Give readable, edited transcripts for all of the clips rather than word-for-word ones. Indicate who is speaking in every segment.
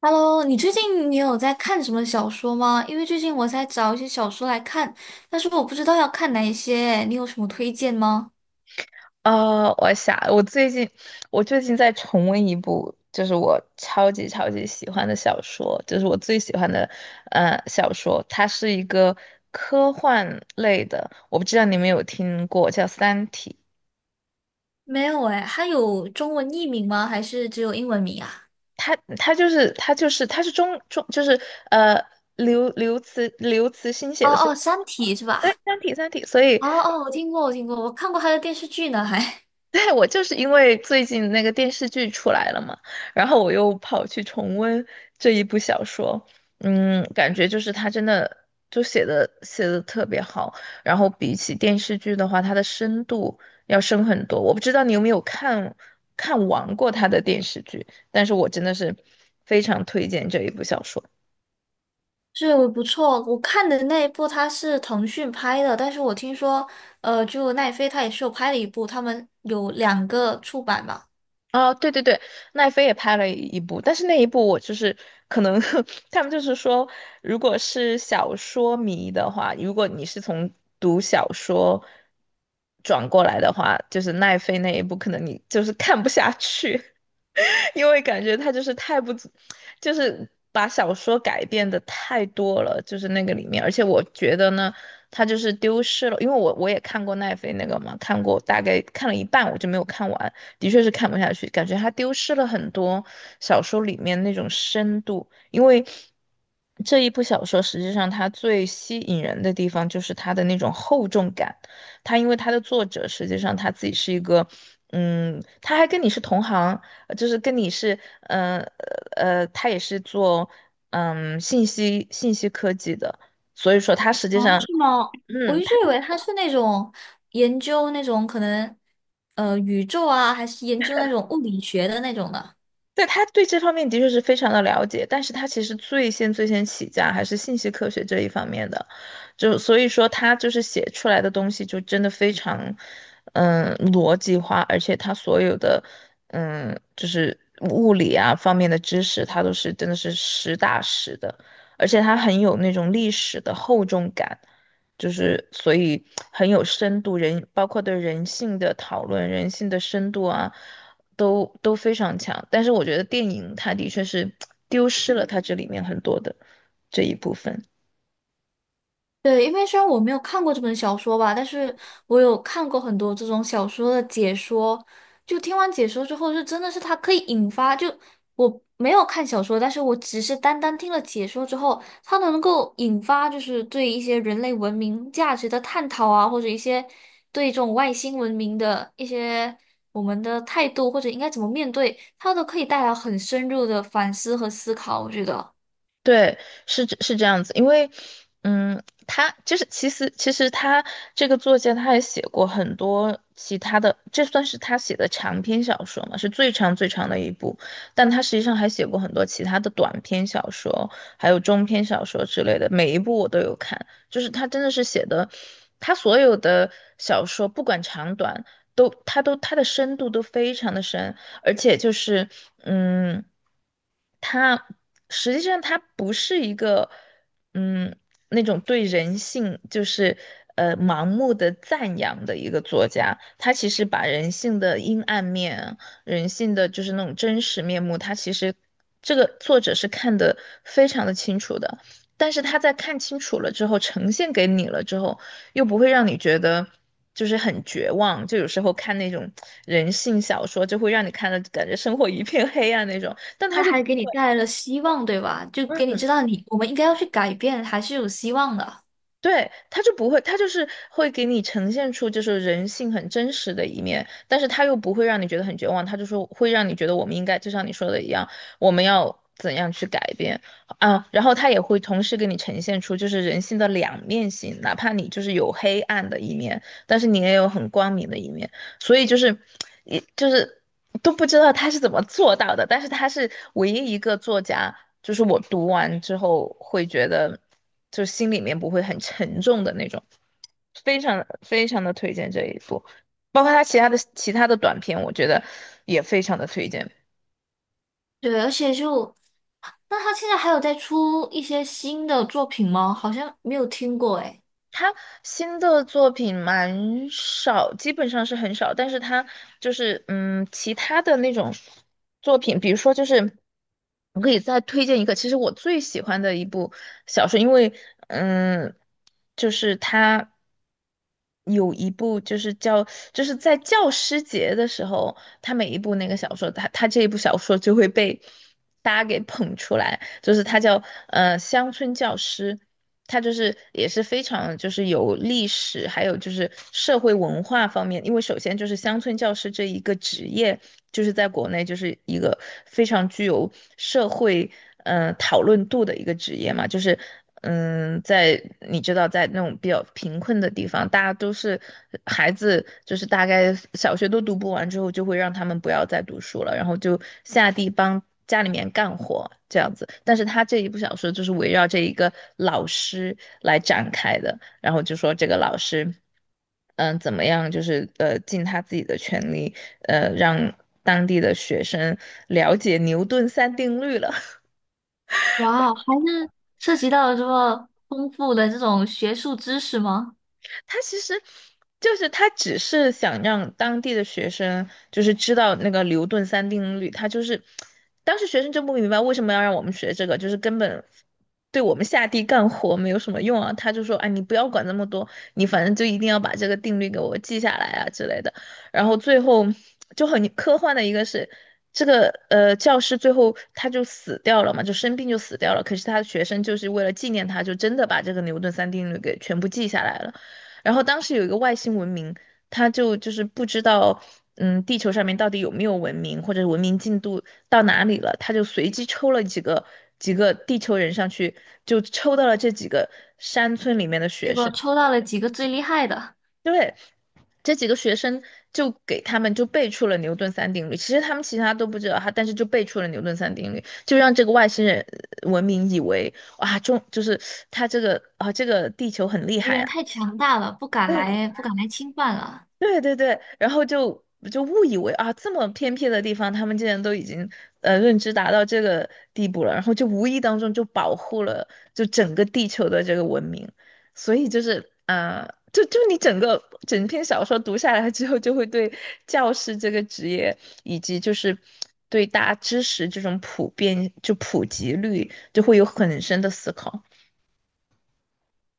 Speaker 1: Hello，你最近有在看什么小说吗？因为最近我在找一些小说来看，但是我不知道要看哪一些，你有什么推荐吗？
Speaker 2: 我想，我最近在重温一部，就是我超级超级喜欢的小说，就是我最喜欢的，小说。它是一个科幻类的，我不知道你们有听过，叫《三体》。
Speaker 1: 没有哎，它有中文译名吗？还是只有英文名啊？
Speaker 2: 它是中呃刘慈欣写
Speaker 1: 哦
Speaker 2: 的，所以
Speaker 1: 哦，《三体》是吧？
Speaker 2: 《三体》，所以
Speaker 1: 哦哦，我听过，我听过，我看过它的电视剧呢，还
Speaker 2: 对，我就是因为最近那个电视剧出来了嘛，然后我又跑去重温这一部小说，嗯，感觉就是他真的就写的特别好，然后比起电视剧的话，它的深度要深很多。我不知道你有没有看完过他的电视剧，但是我真的是非常推荐这一部小说。
Speaker 1: 是，我不错。我看的那一部它是腾讯拍的，但是我听说，就奈飞它也是有拍了一部，他们有两个出版嘛。
Speaker 2: 哦，对对对，奈飞也拍了一部，但是那一部我就是可能 他们就是说，如果是小说迷的话，如果你是从读小说转过来的话，就是奈飞那一部，可能你就是看不下去。因为感觉他就是太不就是把小说改变的太多了，就是那个里面，而且我觉得呢，他就是丢失了，因为我也看过奈飞那个嘛，看过大概看了一半，我就没有看完，的确是看不下去，感觉他丢失了很多小说里面那种深度，因为。这一部小说实际上它最吸引人的地方就是它的那种厚重感，它因为它的作者实际上他自己是一个，嗯，他还跟你是同行，就是跟你是，他也是做信息科技的，所以说他实际
Speaker 1: 哦，
Speaker 2: 上，
Speaker 1: 是吗？我
Speaker 2: 嗯，
Speaker 1: 一直以为他是那种研究那种可能，宇宙啊，还是研究那种物理学的那种的。
Speaker 2: 对，他对这方面的确是非常的了解，但是他其实最先起家还是信息科学这一方面的，就所以说他就是写出来的东西就真的非常，嗯，逻辑化，而且他所有的，嗯，就是物理啊方面的知识，他都是真的是实打实的，而且他很有那种历史的厚重感，就是所以很有深度，人包括对人性的讨论、人性的深度啊，都非常强。但是我觉得电影它的确是丢失了它这里面很多的这一部分。
Speaker 1: 对，因为虽然我没有看过这本小说吧，但是我有看过很多这种小说的解说。就听完解说之后，就真的是它可以引发，就我没有看小说，但是我只是单单听了解说之后，它能够引发就是对一些人类文明价值的探讨啊，或者一些对这种外星文明的一些我们的态度，或者应该怎么面对，它都可以带来很深入的反思和思考，我觉得。
Speaker 2: 对，是这样子，因为，嗯，他就是其实他这个作家他也写过很多其他的，这算是他写的长篇小说嘛，是最长的一部，但他实际上还写过很多其他的短篇小说，还有中篇小说之类的，每一部我都有看，就是他真的是写的，他所有的小说不管长短。都，他都，他的深度都非常的深，而且就是，嗯，他实际上他不是一个，嗯，那种对人性就是盲目的赞扬的一个作家，他其实把人性的阴暗面、人性的就是那种真实面目，他其实这个作者是看得非常的清楚的。但是他在看清楚了之后，呈现给你了之后，又不会让你觉得就是很绝望。就有时候看那种人性小说，就会让你看的感觉生活一片黑暗那种，但他
Speaker 1: 那
Speaker 2: 就不
Speaker 1: 还给
Speaker 2: 会。
Speaker 1: 你带来了希望，对吧？就给你知道你我们应该要去改变，还是有希望的。
Speaker 2: 对，他就不会，他就是会给你呈现出就是人性很真实的一面，但是他又不会让你觉得很绝望，他就说会让你觉得我们应该就像你说的一样，我们要怎样去改变啊，然后他也会同时给你呈现出就是人性的两面性，哪怕你就是有黑暗的一面，但是你也有很光明的一面。所以就是，也就是都不知道他是怎么做到的，但是他是唯一一个作家，就是我读完之后会觉得，就心里面不会很沉重的那种，非常非常的推荐这一部，包括他其他的短片，我觉得也非常的推荐。
Speaker 1: 对，而且就，那他现在还有在出一些新的作品吗？好像没有听过诶。
Speaker 2: 他新的作品蛮少，基本上是很少，但是他就是嗯，其他的那种作品，比如说就是我可以再推荐一个，其实我最喜欢的一部小说，因为嗯，就是他有一部就是叫就是在教师节的时候，他每一部那个小说，他这一部小说就会被大家给捧出来。就是他叫乡村教师，他就是也是非常就是有历史，还有就是社会文化方面，因为首先就是乡村教师这一个职业，就是在国内就是一个非常具有社会。嗯、讨论度的一个职业嘛，就是嗯，在你知道，在那种比较贫困的地方，大家都是孩子，就是大概小学都读不完之后，就会让他们不要再读书了，然后就下地帮家里面干活这样子。但是他这一部小说就是围绕这一个老师来展开的，然后就说这个老师，嗯，怎么样，就是尽他自己的全力，让当地的学生了解牛顿三定律了。
Speaker 1: 哇哦，还是涉及到了这么丰富的这种学术知识吗？
Speaker 2: 他其实就是他只是想让当地的学生就是知道那个牛顿三定律，他就是当时学生就不明白为什么要让我们学这个，就是根本对我们下地干活没有什么用啊。他就说，哎，你不要管那么多，你反正就一定要把这个定律给我记下来啊之类的。然后最后就很科幻的一个是。这个教师最后他就死掉了嘛，就生病就死掉了。可是他的学生就是为了纪念他，就真的把这个牛顿三定律给全部记下来了。然后当时有一个外星文明，就是不知道，嗯，地球上面到底有没有文明，或者文明进度到哪里了，他就随机抽了几个地球人上去，就抽到了这几个山村里面的
Speaker 1: 结
Speaker 2: 学
Speaker 1: 果
Speaker 2: 生。
Speaker 1: 抽到了几个最厉害的，
Speaker 2: 对，这几个学生就给他们就背出了牛顿三定律，其实他们其他都不知道，他但是就背出了牛顿三定律，就让这个外星人文明以为哇，中就是他这个啊，这个地球很厉
Speaker 1: 敌
Speaker 2: 害
Speaker 1: 人
Speaker 2: 啊。
Speaker 1: 太强大了，不敢来，不敢来侵犯了。
Speaker 2: 对对对，然后就误以为啊，这么偏僻的地方，他们竟然都已经认知达到这个地步了，然后就无意当中就保护了就整个地球的这个文明，所以就是啊，就你整篇小说读下来之后，就会对教师这个职业以及就是对大家知识这种普遍就普及率，就会有很深的思考。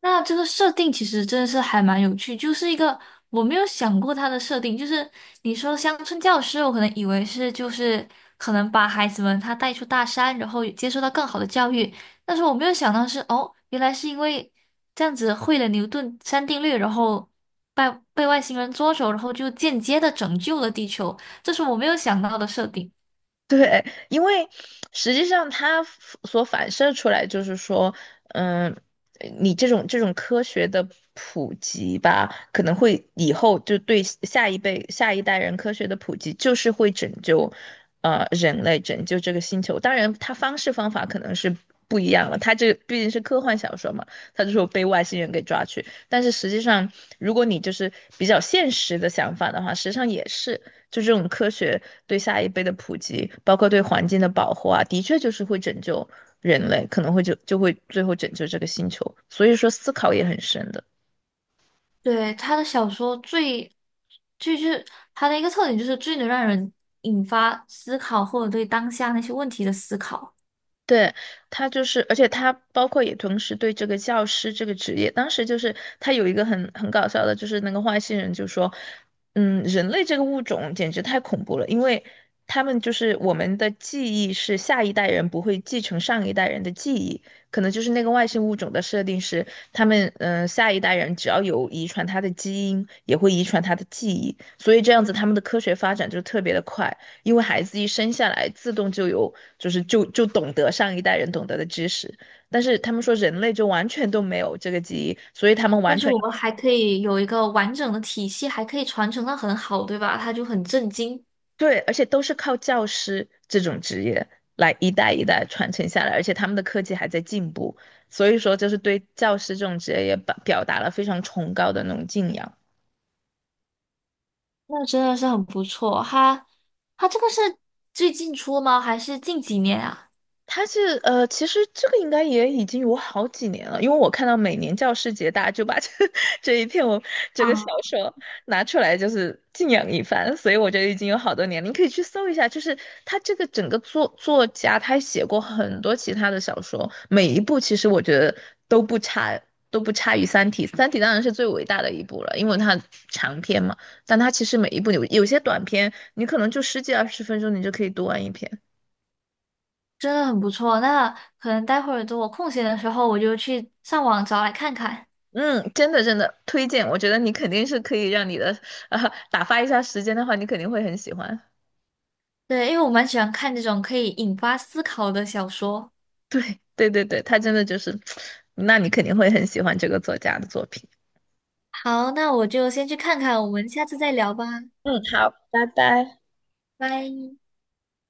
Speaker 1: 那这个设定其实真的是还蛮有趣，就是一个我没有想过它的设定，就是你说乡村教师，我可能以为是就是可能把孩子们他带出大山，然后接受到更好的教育，但是我没有想到是哦，原来是因为这样子会了牛顿三定律，然后被被外星人捉走，然后就间接的拯救了地球，这是我没有想到的设定。
Speaker 2: 对，因为实际上它所反射出来就是说，嗯，你这种科学的普及吧，可能会以后就对下一辈、下一代人科学的普及，就是会拯救，人类拯救这个星球。当然，它方式方法可能是不一样了。它这毕竟是科幻小说嘛，它就说被外星人给抓去。但是实际上，如果你就是比较现实的想法的话，实际上也是。就这种科学对下一辈的普及，包括对环境的保护啊，的确就是会拯救人类，可能会就会最后拯救这个星球。所以说，思考也很深的。
Speaker 1: 对，他的小说最，就是他的一个特点就是最能让人引发思考或者对当下那些问题的思考。
Speaker 2: 对，他就是，而且他包括也同时对这个教师这个职业，当时就是他有一个很搞笑的，就是那个外星人就说，嗯，人类这个物种简直太恐怖了，因为他们就是我们的记忆是下一代人不会继承上一代人的记忆，可能就是那个外星物种的设定是，他们嗯、下一代人只要有遗传他的基因，也会遗传他的记忆，所以这样子他们的科学发展就特别的快。因为孩子一生下来自动就有，就是就懂得上一代人懂得的知识，但是他们说人类就完全都没有这个记忆，所以他们
Speaker 1: 但
Speaker 2: 完
Speaker 1: 是
Speaker 2: 全
Speaker 1: 我们还可以有一个完整的体系，还可以传承的很好，对吧？他就很震惊，
Speaker 2: 对，而且都是靠教师这种职业来一代一代传承下来，而且他们的科技还在进步，所以说就是对教师这种职业也表达了非常崇高的那种敬仰。
Speaker 1: 那真的是很不错。他这个是最近出吗？还是近几年啊？
Speaker 2: 他是其实这个应该也已经有好几年了，因为我看到每年教师节，大家就把这 这一篇我这
Speaker 1: 啊，
Speaker 2: 个小说拿出来，就是敬仰一番，所以我觉得已经有好多年了。你可以去搜一下，就是他这个整个作家，他写过很多其他的小说，每一部其实我觉得都不差，都不差于《三体》。《三体》当然是最伟大的一部了，因为它长篇嘛，但它其实每一部有些短篇，你可能就十几二十分钟，你就可以读完一篇。
Speaker 1: 真的很不错。那可能待会儿等我空闲的时候，我就去上网找来看看。
Speaker 2: 嗯，真的推荐，我觉得你肯定是可以让你的啊打发一下时间的话，你肯定会很喜欢。
Speaker 1: 对，因为我蛮喜欢看这种可以引发思考的小说。
Speaker 2: 对对，他真的就是，那你肯定会很喜欢这个作家的作品。
Speaker 1: 好，那我就先去看看，我们下次再聊吧，
Speaker 2: 嗯，好，拜拜。
Speaker 1: 拜。